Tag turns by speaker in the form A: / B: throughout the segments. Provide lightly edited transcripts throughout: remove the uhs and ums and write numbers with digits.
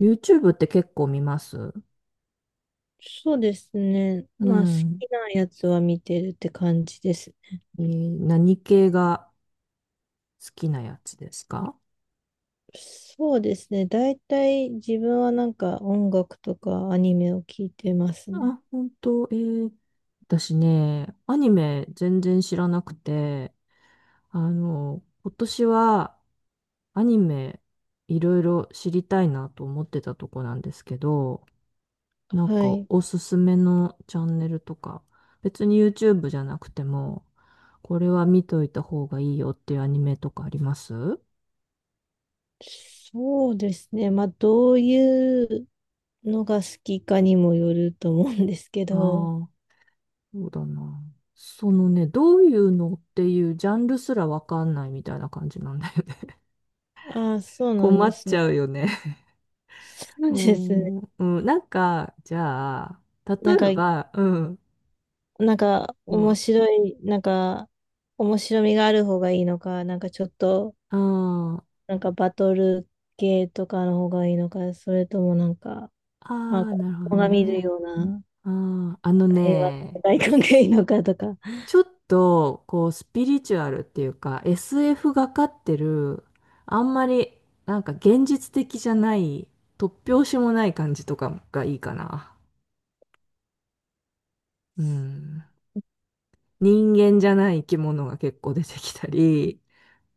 A: YouTube って結構見ます？
B: そうですね。
A: う
B: まあ、好
A: ん。
B: きなやつは見てるって感じです。
A: 何系が好きなやつですか？
B: そうですね。大体自分はなんか音楽とかアニメを聞いてますね。
A: あ、本当？私ね、アニメ全然知らなくて、今年はアニメいろいろ知りたいなと思ってたとこなんですけど、なん
B: は
A: か
B: い。
A: おすすめのチャンネルとか、別に YouTube じゃなくても、これは見といた方がいいよっていうアニメとかあります？
B: そうですね。まあ、どういうのが好きかにもよると思うんですけ
A: ああ
B: ど。
A: ー。そうだな。そのね、どういうのっていうジャンルすらわかんないみたいな感じなんだよね。
B: ああ、そう なん
A: 困
B: で
A: っ
B: す
A: ち
B: ね。
A: ゃうよね。
B: そう
A: う
B: ですね。
A: ん、うん、なんか、じゃあ、例
B: なん
A: え
B: か、
A: ば、うん、
B: なんか
A: うん、
B: 面
A: あ
B: 白い、なんか面白みがある方がいいのか、なんかちょっと
A: あ、
B: なんかバトル系とかの方がいいのか、それともなんか、
A: あ
B: まあ、
A: あ、
B: 子
A: なるほど
B: 供が見
A: ね。
B: るような
A: ああ、あの
B: 平和な
A: ね、
B: 世界観がいいのかとか。
A: ちょっと、こう、スピリチュアルっていうか、SF がかってる、あんまり、なんか現実的じゃない、突拍子もない感じとかがいいかな。うん。人間じゃない生き物が結構出てきたり、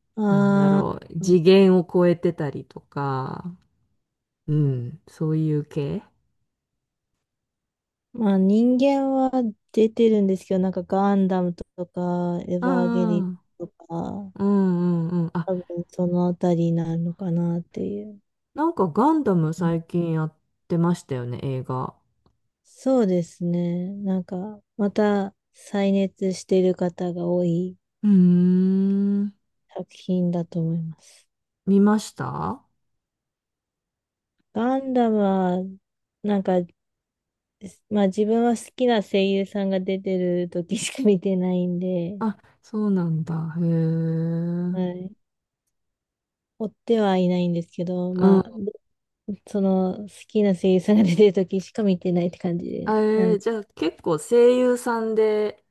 A: なんだ
B: あ
A: ろう、
B: あ、
A: 次元を超えてたりとか、うん、そういう系。
B: まあ人間は出てるんですけど、なんかガンダムとか、エヴ
A: う
B: ァーゲリ
A: んうん
B: オンとか、
A: うんうんうん。あ、
B: 多分そのあたりになるのかなっていう。
A: なんかガンダム
B: うん。
A: 最近やってましたよね、映画。
B: そうですね。なんか、また再熱してる方が多い
A: うーん、
B: 作品だと思います。
A: 見ました？
B: ガンダムは、なんかまあ自分は好きな声優さんが出てる時しか見てないんで、
A: あ、そうなんだ。へえ。う
B: は
A: ん。
B: い。追ってはいないんですけど、まあ、その好きな声優さんが出てる時しか見てないって感じで
A: あ
B: ね。
A: えーじゃあ結構声優さんで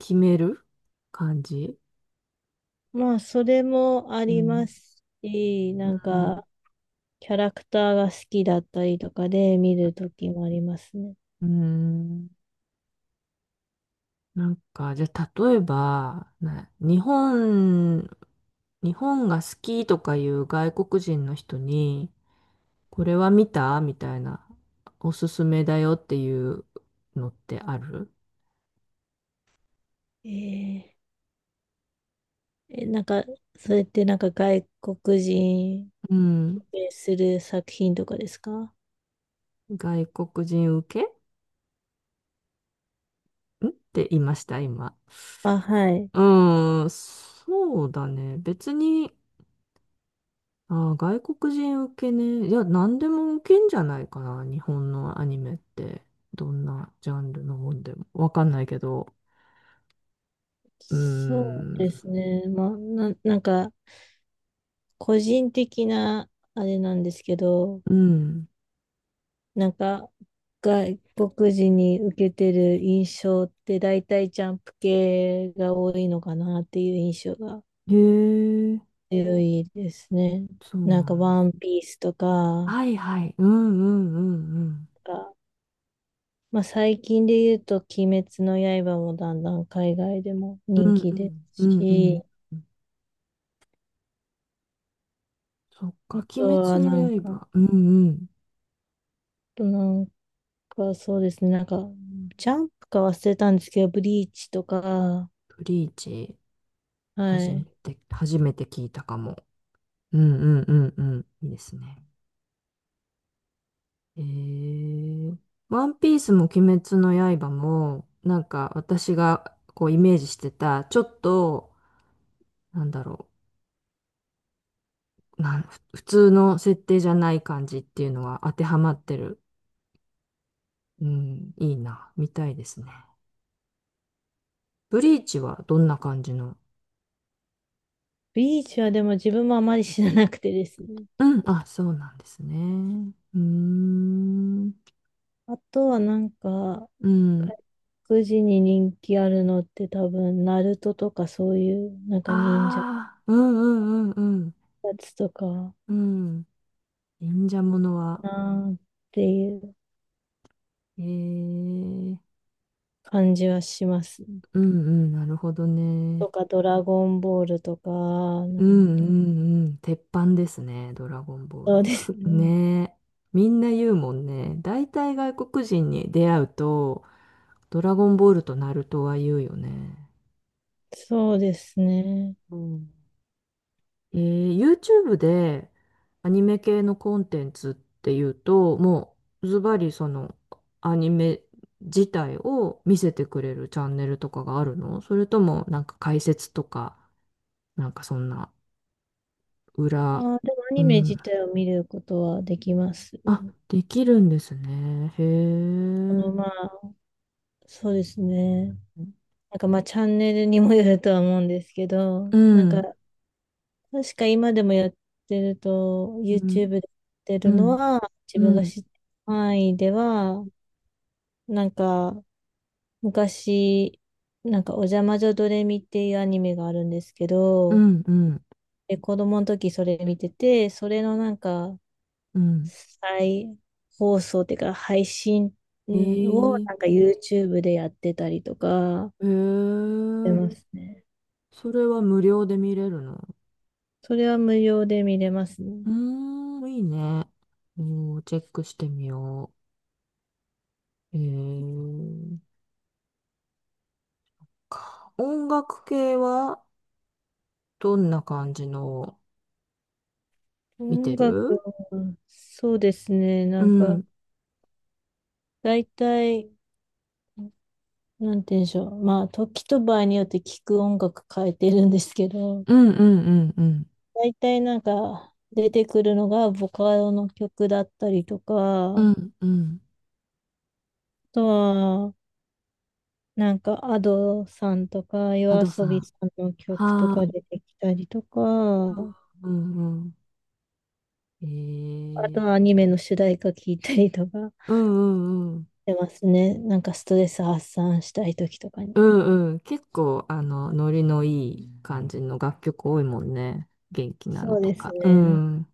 A: 決める感じ？
B: まあ、それもあ
A: う
B: りま
A: ん。
B: すし、
A: う
B: なん
A: ん。
B: か、キャラクターが好きだったりとかで見る時もありますね。
A: うん。なんか、じゃあ、例えば、な日本、日本が好きとかいう外国人の人に、これは見たみたいな、おすすめだよっていうのってある？
B: えーえ、なんか、それってなんか外国人
A: うん。
B: をする作品とかですか？
A: 外国人受けんって言いました、今？
B: あ、はい。
A: うーん、そうだね。別に、外国人受けね。いや、何でも受けんじゃないかな、日本のアニメって。どんなジャンルのもんでも。わかんないけど。うー
B: そうで
A: ん。
B: すね。まあ、な、なんか、個人的な、あれなんですけど、
A: うん。
B: なんか、外国人に受けてる印象って、大体ジャンプ系が多いのかなっていう印象が
A: へえ、
B: 強いですね。
A: そう
B: な
A: な
B: んか、
A: の？
B: ワンピースとか、
A: はいはい。うんうんうん
B: あ、まあ、最近で言うと、鬼滅の刃もだんだん海外でも
A: う
B: 人
A: ん。
B: 気
A: う
B: で
A: んう
B: す
A: ん。うん
B: し、
A: うん。そっ
B: あ
A: か。鬼
B: と
A: 滅
B: は
A: の
B: なんか、あ
A: 刃。うんうん。
B: と、なんか、そうですね。なんか、ジャンプか忘れたんですけど、ブリーチとか、
A: ブリーチ、
B: は
A: 初め
B: い。
A: て、初めて聞いたかも。うんうんうんうん。いいですね。えー、ワンピースも鬼滅の刃も、なんか私がこうイメージしてた、ちょっと、なんだろう。なん、ふ普通の設定じゃない感じっていうのは当てはまってる。うん、いいな。見たいですね。ブリーチはどんな感じの？
B: ブリーチはでも自分もあまり知らなくてですね。
A: うん、あ、そうなんですね。うーん、
B: あとはなんか、
A: うん。
B: 外国人に人気あるのって多分、ナルトとかそういう、なんか
A: あ
B: 忍者
A: あ、うんうんうん
B: のやつとか、
A: うん。うん。忍者ものは、
B: なーっていう
A: ええ
B: 感じはしますね。
A: うんうん、なるほどね。
B: とか、ドラゴンボールとか、な
A: うんう
B: んて、
A: んうん。鉄板ですね、ドラゴンボー
B: そ
A: ル
B: うで
A: は。
B: すね。
A: ねえ。みんな言うもんね。大体外国人に出会うと、ドラゴンボールとナルトは言うよね。
B: そうですね。
A: うん。YouTube でアニメ系のコンテンツっていうと、もうズバリそのアニメ自体を見せてくれるチャンネルとかがあるの？それともなんか解説とか、なんかそんな
B: あ
A: 裏、
B: ー、でもア
A: う
B: ニメ
A: ん。
B: 自体を見ることはできます。
A: あ、できるんですね。へ
B: あ
A: え。
B: の、まあ、そうですね。なんかまあ、チャンネルにもよるとは思うんですけど、
A: う
B: なんか、
A: ん。
B: 確か今でもやってると、
A: う
B: YouTube
A: ん。
B: でやって
A: う
B: るの
A: ん。
B: は、自
A: う
B: 分が
A: ん。
B: 知ってる範囲では、なんか、昔、なんか、おじゃまじょドレミっていうアニメがあるんですけ
A: う
B: ど、
A: ん。うん。
B: で、子供の時それ見てて、それのなんか、
A: うん。
B: 再放送っていうか、配信う
A: へ
B: んを
A: え。
B: なんか YouTube でやってたりとか、
A: へ
B: して
A: え。
B: ますね。
A: それは無料で見れるの？
B: それは無料で見れますね。
A: うーん、いいね。おー、チェックしてみよう。か音楽系はどんな感じのを見
B: 音
A: て
B: 楽
A: る？
B: は、そうですね。
A: う
B: なんか、
A: ん、
B: 大体、なんて言うんでしょう。まあ、時と場合によって聞く音楽変えてるんですけど、
A: うんうんうんうん。
B: 大体なんか、出てくるのがボカロの曲だったりとか、
A: う
B: あ
A: んうん。
B: とは、なんか、アドさんとか、
A: ア
B: 夜
A: ドさ
B: 遊び
A: ん。
B: さんの曲と
A: はあ、
B: か出てきたりとか、
A: うんうん。え
B: あと
A: ー、
B: はアニメの主題歌聞いたりとかし
A: うんうんうん。
B: てますね。なんかストレス発散したい時とか
A: う
B: に。
A: んうん。結構、ノリのいい感じの楽曲多いもんね。元気なの
B: そう
A: と
B: です
A: か。う
B: ね。
A: ん。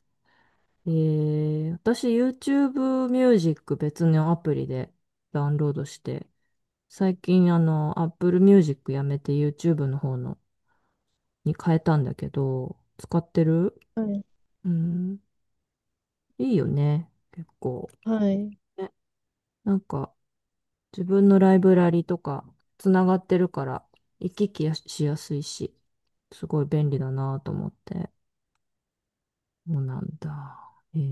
A: 私 YouTube Music 別のアプリでダウンロードして、最近Apple Music やめて YouTube の方のに変えたんだけど、使ってる？
B: はい。
A: うん、いいよね、結構。
B: はい。
A: ね、なんか自分のライブラリとかつながってるから行き来やしやすいし、すごい便利だなと思って。そうなんだ。へえ。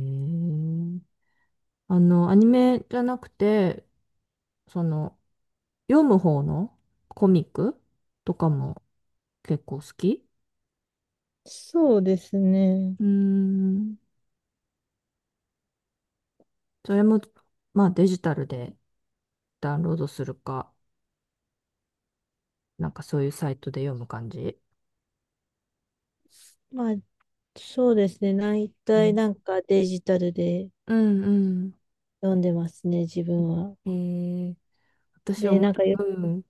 A: アニメじゃなくて、その、読む方のコミックとかも結構好き？
B: そうですね。
A: うーん。それも、まあデジタルでダウンロードするか、なんかそういうサイトで読む感じ。
B: まあ、そうですね。大
A: う
B: 体
A: ん。
B: なんかデジタルで
A: うん
B: 読んでますね、自分は。
A: うん。ー、私
B: で、
A: 思い、
B: なんかよ、
A: うん。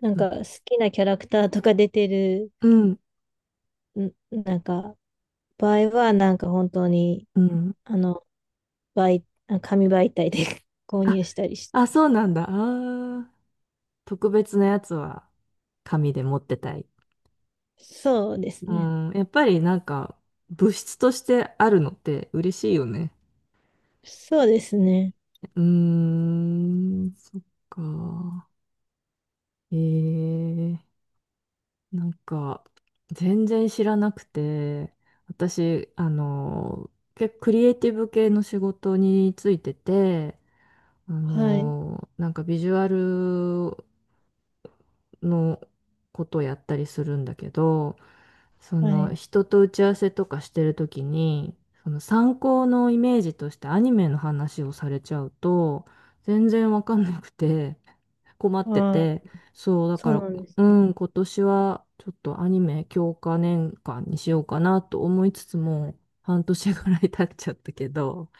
B: なん
A: うん
B: か好きなキャラクターとか出てる、
A: うん。
B: んなんか、場合はなんか本当に、あの、紙媒体で 購
A: あ、
B: 入したりし、
A: あ、そうなんだ。特別なやつは紙で持ってたい。
B: そうです
A: う
B: ね。
A: ん、やっぱりなんか物質としてあるのって嬉しいよね。
B: そうですね。
A: うーん、そっか。えー、なんか、全然知らなくて、私、結構クリエイティブ系の仕事についてて、
B: はい。
A: なんかビジュアルのことをやったりするんだけど、そ
B: は
A: の
B: い。
A: 人と打ち合わせとかしてるときに、その参考のイメージとしてアニメの話をされちゃうと、全然わかんなくて、困っ
B: あ
A: て
B: あ、
A: て、そう、だ
B: そ
A: か
B: う
A: ら、
B: なんです
A: う
B: ね。
A: ん、今年はちょっとアニメ強化年間にしようかなと思いつつも、半年ぐらい経っちゃったけど、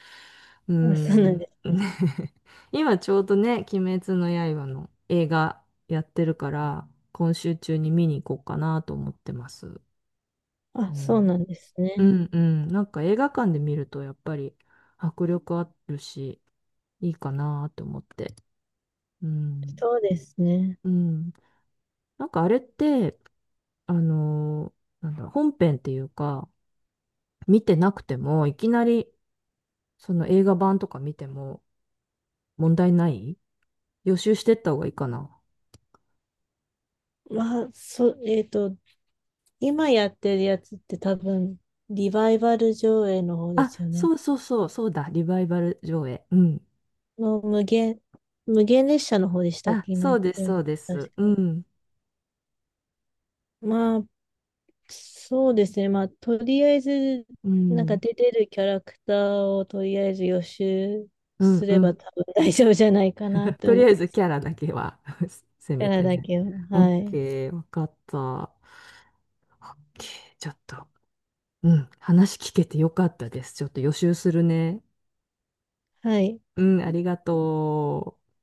A: う
B: あ、そうな
A: ん、
B: ん
A: ね
B: ですね。
A: 今ちょうどね、鬼滅の刃の映画やってるから、今週中に見に行こうかなと思ってます。う
B: あ、そうな
A: ん、
B: んです
A: う
B: ね。
A: ん、うん、なんか映画館で見るとやっぱり迫力あるし、いいかなと思って。うん、
B: そうですね。
A: うん。なんかあれって、あのなんだ、本編っていうか、見てなくても、いきなり、その映画版とか見ても問題ない？予習してった方がいいかな。
B: まあ、そ、えっと、今やってるやつって多分、リバイバル上映の方で
A: あ、
B: すよね。
A: そうそうそう、そうだ、リバイバル上映。うん。
B: の無限、無限列車の方でしたっ
A: あ、
B: け？今
A: そ
B: やっ
A: うで
B: て
A: す、
B: るの
A: そうです。う
B: 確か。
A: ん。
B: まあ、そうですね。まあ、とりあえず、
A: う
B: なんか
A: ん。
B: 出てるキャラクターをとりあえず予習
A: う
B: す
A: ん、う
B: れば
A: ん。
B: 多分大丈夫じゃないかなっ て
A: とり
B: 思
A: あ
B: う。
A: えずキャラだけは せ
B: キャ
A: め
B: ラ
A: て
B: だ
A: ね。
B: けは。
A: オッ
B: はい。
A: ケー、わかった。オッケー、ちょっと、うん、話聞けてよかったです。ちょっと予習するね。
B: はい。
A: うん、ありがとう。